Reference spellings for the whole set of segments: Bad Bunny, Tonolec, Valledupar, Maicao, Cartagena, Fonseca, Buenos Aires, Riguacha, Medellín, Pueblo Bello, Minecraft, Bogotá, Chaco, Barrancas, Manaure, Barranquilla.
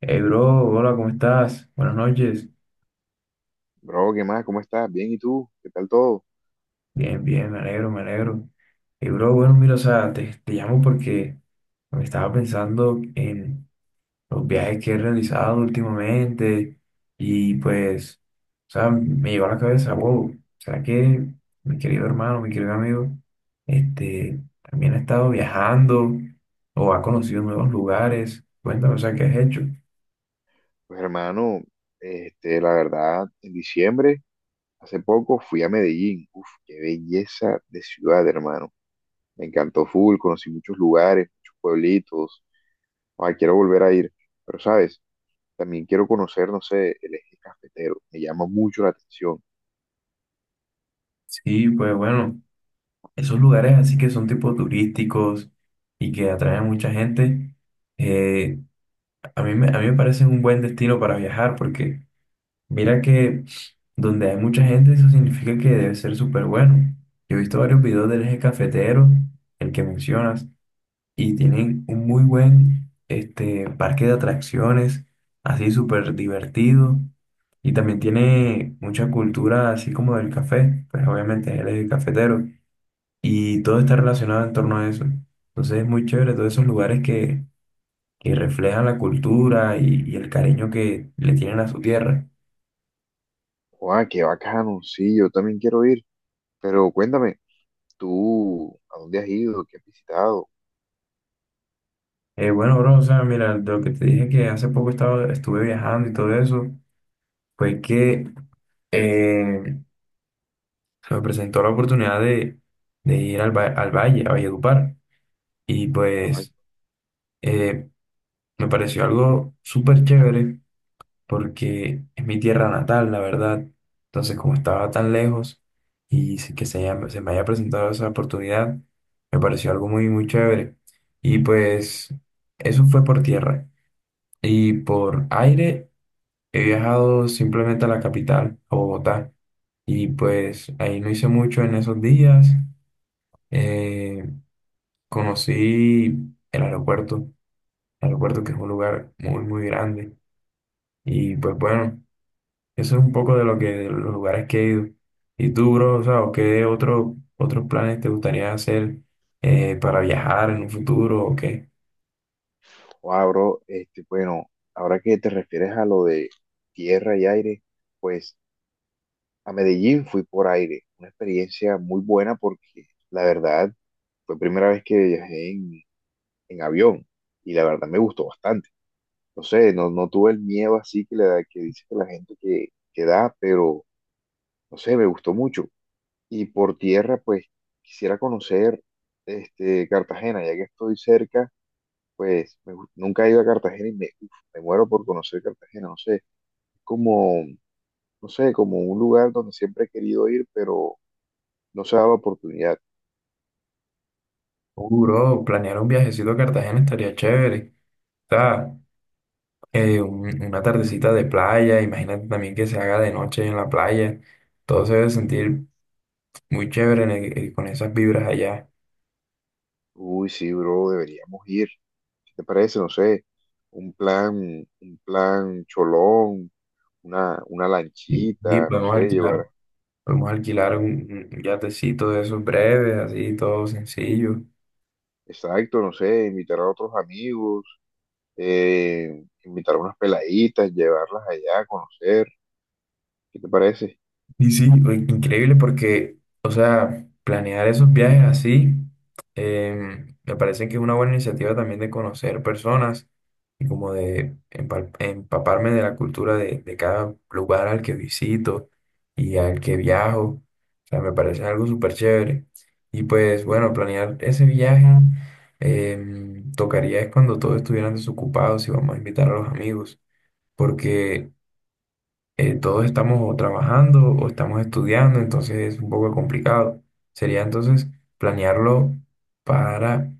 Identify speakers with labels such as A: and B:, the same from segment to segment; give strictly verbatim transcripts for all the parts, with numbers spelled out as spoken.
A: Hey bro, hola, ¿cómo estás? Buenas noches.
B: Bro, ¿qué más? ¿Cómo estás? Bien, ¿y tú? ¿Qué tal todo?
A: Bien, bien, me alegro, me alegro. Hey bro, bueno, mira, o sea, te, te llamo porque me estaba pensando en los viajes que he realizado últimamente y pues, o sea, me llegó a la cabeza, wow, ¿será que mi querido hermano, mi querido amigo, este, también ha estado viajando o ha conocido nuevos lugares? Cuéntame, o sea, ¿qué has hecho?
B: Pues hermano, este, la verdad, en diciembre, hace poco fui a Medellín. Uf, qué belleza de ciudad, hermano. Me encantó full, conocí muchos lugares, muchos pueblitos. Ay, quiero volver a ir. Pero, ¿sabes? También quiero conocer, no sé, el eje cafetero. Me llama mucho la atención.
A: Sí, pues bueno, esos lugares así que son tipo turísticos y que atraen mucha gente, eh, a mí me, a mí me parecen un buen destino para viajar porque mira que donde hay mucha gente eso significa que debe ser súper bueno. Yo he visto varios videos del eje cafetero, el que mencionas, y tienen un muy buen este, parque de atracciones, así súper divertido. Y también tiene mucha cultura así como del café, pues obviamente es el eje cafetero y todo está relacionado en torno a eso. Entonces es muy chévere todos esos lugares que, que reflejan la cultura y, y el cariño que le tienen a su tierra.
B: Guau, qué bacano. Sí, yo también quiero ir. Pero cuéntame, ¿tú a dónde has ido? ¿Qué has visitado?
A: Eh, bueno, bro, o sea, mira, de lo que te dije que hace poco estaba, estuve viajando y todo eso, fue que eh, se me presentó la oportunidad de, de ir al, va- al valle, a Valledupar, y
B: Ah,
A: pues eh, me pareció algo súper chévere porque es mi tierra natal, la verdad. Entonces, como estaba tan lejos y se- que se, haya- se me haya presentado esa oportunidad, me pareció algo muy, muy chévere. Y pues eso fue por tierra. Y por aire he viajado simplemente a la capital, a Bogotá. Y pues ahí no hice mucho en esos días. Eh, conocí el aeropuerto, el aeropuerto que es un lugar muy, muy grande. Y pues bueno, eso es un poco de lo que de los lugares que he ido. ¿Y tú, bro, o sea, o qué otro, otros planes te gustaría hacer eh, para viajar en un futuro o qué?
B: wow, bro, este, bueno, ahora que te refieres a lo de tierra y aire, pues a Medellín fui por aire, una experiencia muy buena porque la verdad fue primera vez que viajé en, en avión y la verdad me gustó bastante. No sé, no, no tuve el miedo así que, le da, que dice que la gente que, que da, pero no sé, me gustó mucho. Y por tierra, pues quisiera conocer este, Cartagena, ya que estoy cerca. Pues me gu- nunca he ido a Cartagena y me, uf, me muero por conocer Cartagena, no sé, como, no sé, como un lugar donde siempre he querido ir, pero no se da la oportunidad.
A: Uh, bro, planear un viajecito a Cartagena estaría chévere. O sea, eh, un- una tardecita de playa, imagínate también que se haga de noche en la playa. Todo se debe sentir muy chévere en el- eh, con esas vibras allá.
B: Uy, sí, bro, deberíamos ir. ¿Qué te parece? No sé, un plan, un plan cholón, una, una
A: Y, y
B: lanchita, no
A: podemos
B: sé,
A: alquilar,
B: llevar,
A: podemos alquilar un, un yatecito de esos breves, así, todo sencillo.
B: exacto, no sé, invitar a otros amigos, eh, invitar a unas peladitas, llevarlas allá a conocer. ¿Qué te parece?
A: Y sí, o- increíble porque, o sea, planear esos viajes así, em, me parece que es una buena iniciativa también de conocer personas y como de empal- empaparme de la cultura de, de cada lugar al que visito y al que viajo. O sea, me parece algo súper chévere. Y pues bueno, planear ese viaje em, tocaría es cuando todos estuvieran desocupados y vamos a invitar a los amigos. Porque eh, todos estamos o trabajando o estamos estudiando, entonces es un poco complicado. Sería entonces planearlo para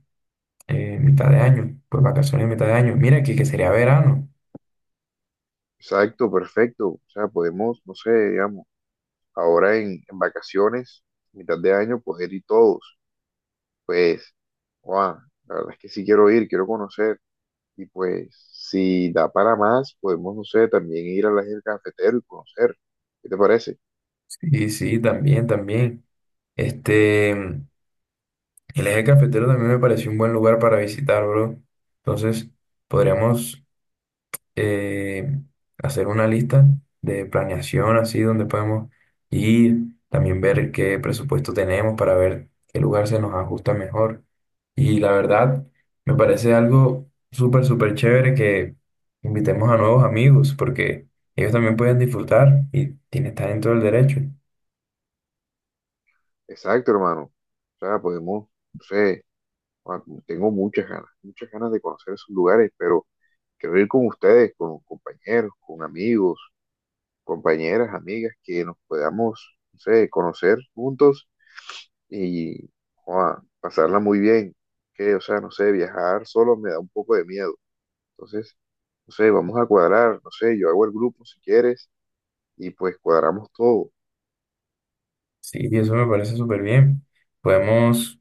A: eh, mitad de año, pues vacaciones mitad de año. Mira que, que sería verano.
B: Exacto, perfecto. O sea, podemos, no sé, digamos, ahora en, en vacaciones, mitad de año, poder ir todos. Pues, wow, la verdad es que sí quiero ir, quiero conocer. Y pues, si da para más, podemos, no sé, también ir a la del cafetero y conocer. ¿Qué te parece?
A: Sí, sí, también, también. Este, el eje cafetero también me pareció un buen lugar para visitar, bro. Entonces, podríamos eh, hacer una lista de planeación así donde podemos ir, también ver qué presupuesto tenemos para ver qué lugar se nos ajusta mejor. Y la verdad, me parece algo súper, súper chévere que invitemos a nuevos amigos porque ellos también pueden disfrutar y tienen, estar en todo el derecho.
B: Exacto, hermano. O sea, podemos, no sé, ah, tengo muchas ganas, muchas ganas de conocer esos lugares, pero quiero ir con ustedes, con compañeros, con amigos, compañeras, amigas, que nos podamos, no sé, conocer juntos y joa, pasarla muy bien. Que, o sea, no sé, viajar solo me da un poco de miedo. Entonces, no sé, vamos a cuadrar, no sé, yo hago el grupo si quieres y pues cuadramos todo.
A: Sí, y eso me parece súper bien. Podemos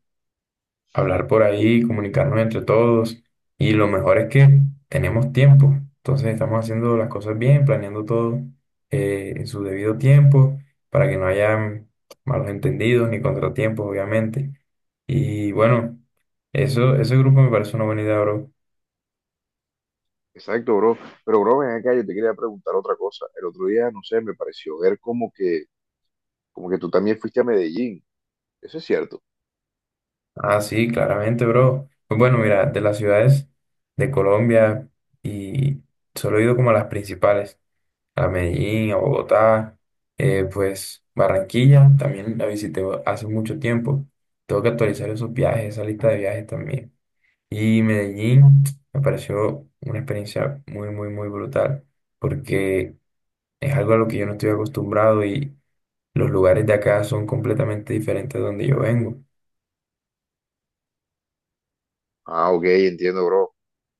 A: hablar por ahí, comunicarnos entre todos y lo mejor es que tenemos tiempo. Entonces estamos haciendo las cosas bien, planeando todo eh, en su debido tiempo para que no haya malos entendidos ni contratiempos, obviamente. Y bueno, eso, ese grupo me parece una buena idea, bro.
B: Exacto, bro. Pero, bro, ven acá, yo te quería preguntar otra cosa. El otro día, no sé, me pareció ver como que, como que tú también fuiste a Medellín. Eso es cierto.
A: Ah, sí, claramente, bro. Pues bueno, mira, de las ciudades de Colombia y solo he ido como a las principales: a Medellín, a Bogotá, eh, pues Barranquilla también la visité hace mucho tiempo. Tengo que actualizar esos viajes, esa lista de viajes también. Y Medellín me pareció una experiencia muy, muy, muy brutal porque es algo a lo que yo no estoy acostumbrado y los lugares de acá son completamente diferentes de donde yo vengo.
B: Ah, ok, entiendo, bro.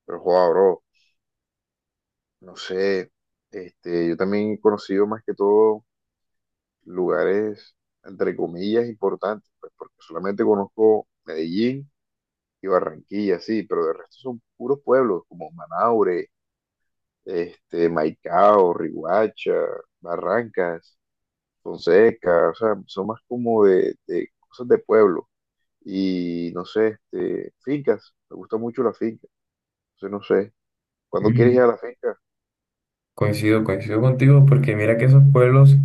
B: Pero, joa, bro, no sé, este, yo también he conocido más que todo lugares, entre comillas, importantes, pues porque solamente conozco Medellín y Barranquilla, sí, pero de resto son puros pueblos como Manaure, este, Maicao, Riguacha, Barrancas, Fonseca, o sea, son más como de, de cosas de pueblo y no sé, este, fincas, me gusta mucho la finca, entonces no sé, ¿cuándo quieres ir a la finca?
A: Coincido, coincido contigo porque mira que esos pueblos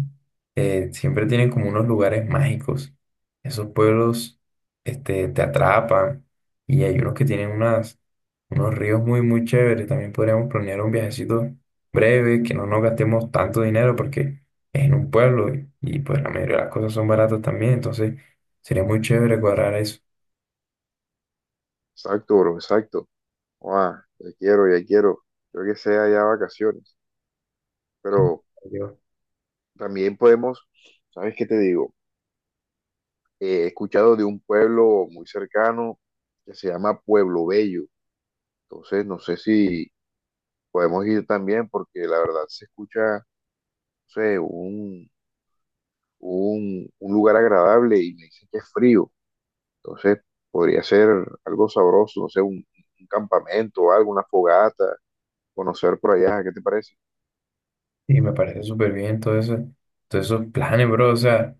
A: eh, siempre tienen como unos lugares mágicos. Esos pueblos este, te atrapan y hay unos que tienen unas, unos ríos muy, muy chéveres. También podríamos planear un viajecito breve, que no nos gastemos tanto dinero porque es en un pueblo y, y, pues la mayoría de las cosas son baratas también. Entonces sería muy chévere cuadrar eso.
B: Exacto, bro, exacto, ah, ya quiero, ya quiero, creo que sea ya vacaciones, pero
A: Yo-
B: también podemos, ¿sabes qué te digo? Eh, he escuchado de un pueblo muy cercano que se llama Pueblo Bello. Entonces, no sé si podemos ir también porque la verdad se escucha, no sé, un, un, un lugar agradable y me dicen que es frío. Entonces, podría ser algo sabroso, no sé, un, un campamento o algo, una fogata, conocer por allá, ¿qué te parece?
A: Y me parece súper bien todo eso, todos esos planes, bro. O sea,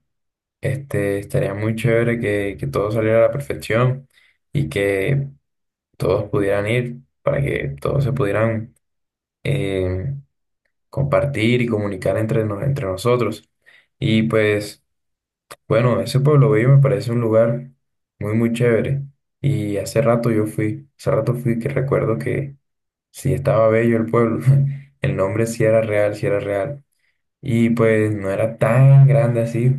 A: este, estaría muy chévere que, que todo saliera a la perfección y que todos pudieran ir para que todos se pudieran eh, compartir y comunicar entre, nos- entre nosotros. Y pues, bueno, ese Pueblo Bello me parece un lugar muy, muy chévere. Y hace rato yo fui, hace rato fui que recuerdo que sí estaba bello el pueblo. El nombre sí era real, sí era real. Y pues no era tan grande así,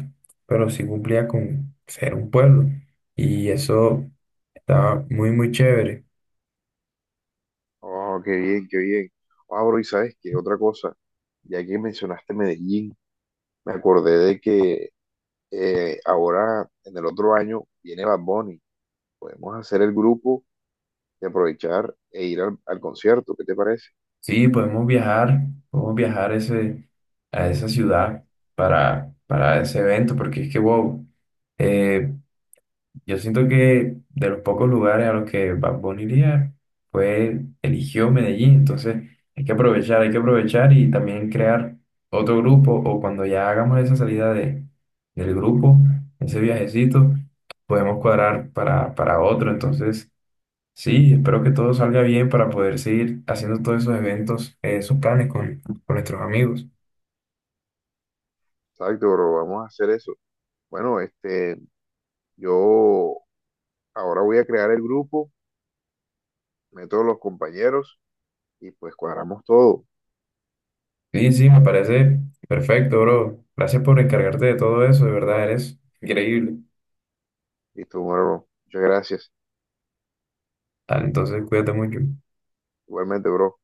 A: pero sí cumplía con ser un pueblo. Y eso estaba muy, muy chévere.
B: Oh, qué bien, qué bien. Ah, bro, y sabes qué, otra cosa, ya que mencionaste Medellín, me acordé de que eh, ahora en el otro año viene Bad Bunny. Podemos hacer el grupo y aprovechar e ir al, al concierto. ¿Qué te parece?
A: Sí, podemos viajar, podemos viajar a ese, a esa ciudad para, para ese evento, porque es que, wow. eh, yo siento que de los pocos lugares a los que Bad Bunny iría, pues eligió Medellín. Entonces hay que aprovechar, hay que aprovechar y también crear otro grupo o cuando ya hagamos esa salida de, del grupo, ese viajecito, podemos cuadrar para, para otro. Entonces, sí, espero que todo salga bien para poder seguir haciendo todos esos eventos, eh, esos planes con, con nuestros amigos.
B: Exacto, bro. Vamos a hacer eso. Bueno, este, yo ahora voy a crear el grupo, meto a los compañeros y pues cuadramos todo.
A: Sí, sí, me parece perfecto, bro. Gracias por encargarte de todo eso, de verdad, eres increíble.
B: Listo, bro. Muchas gracias.
A: Dale, entonces cuídate mucho.
B: Igualmente, bro.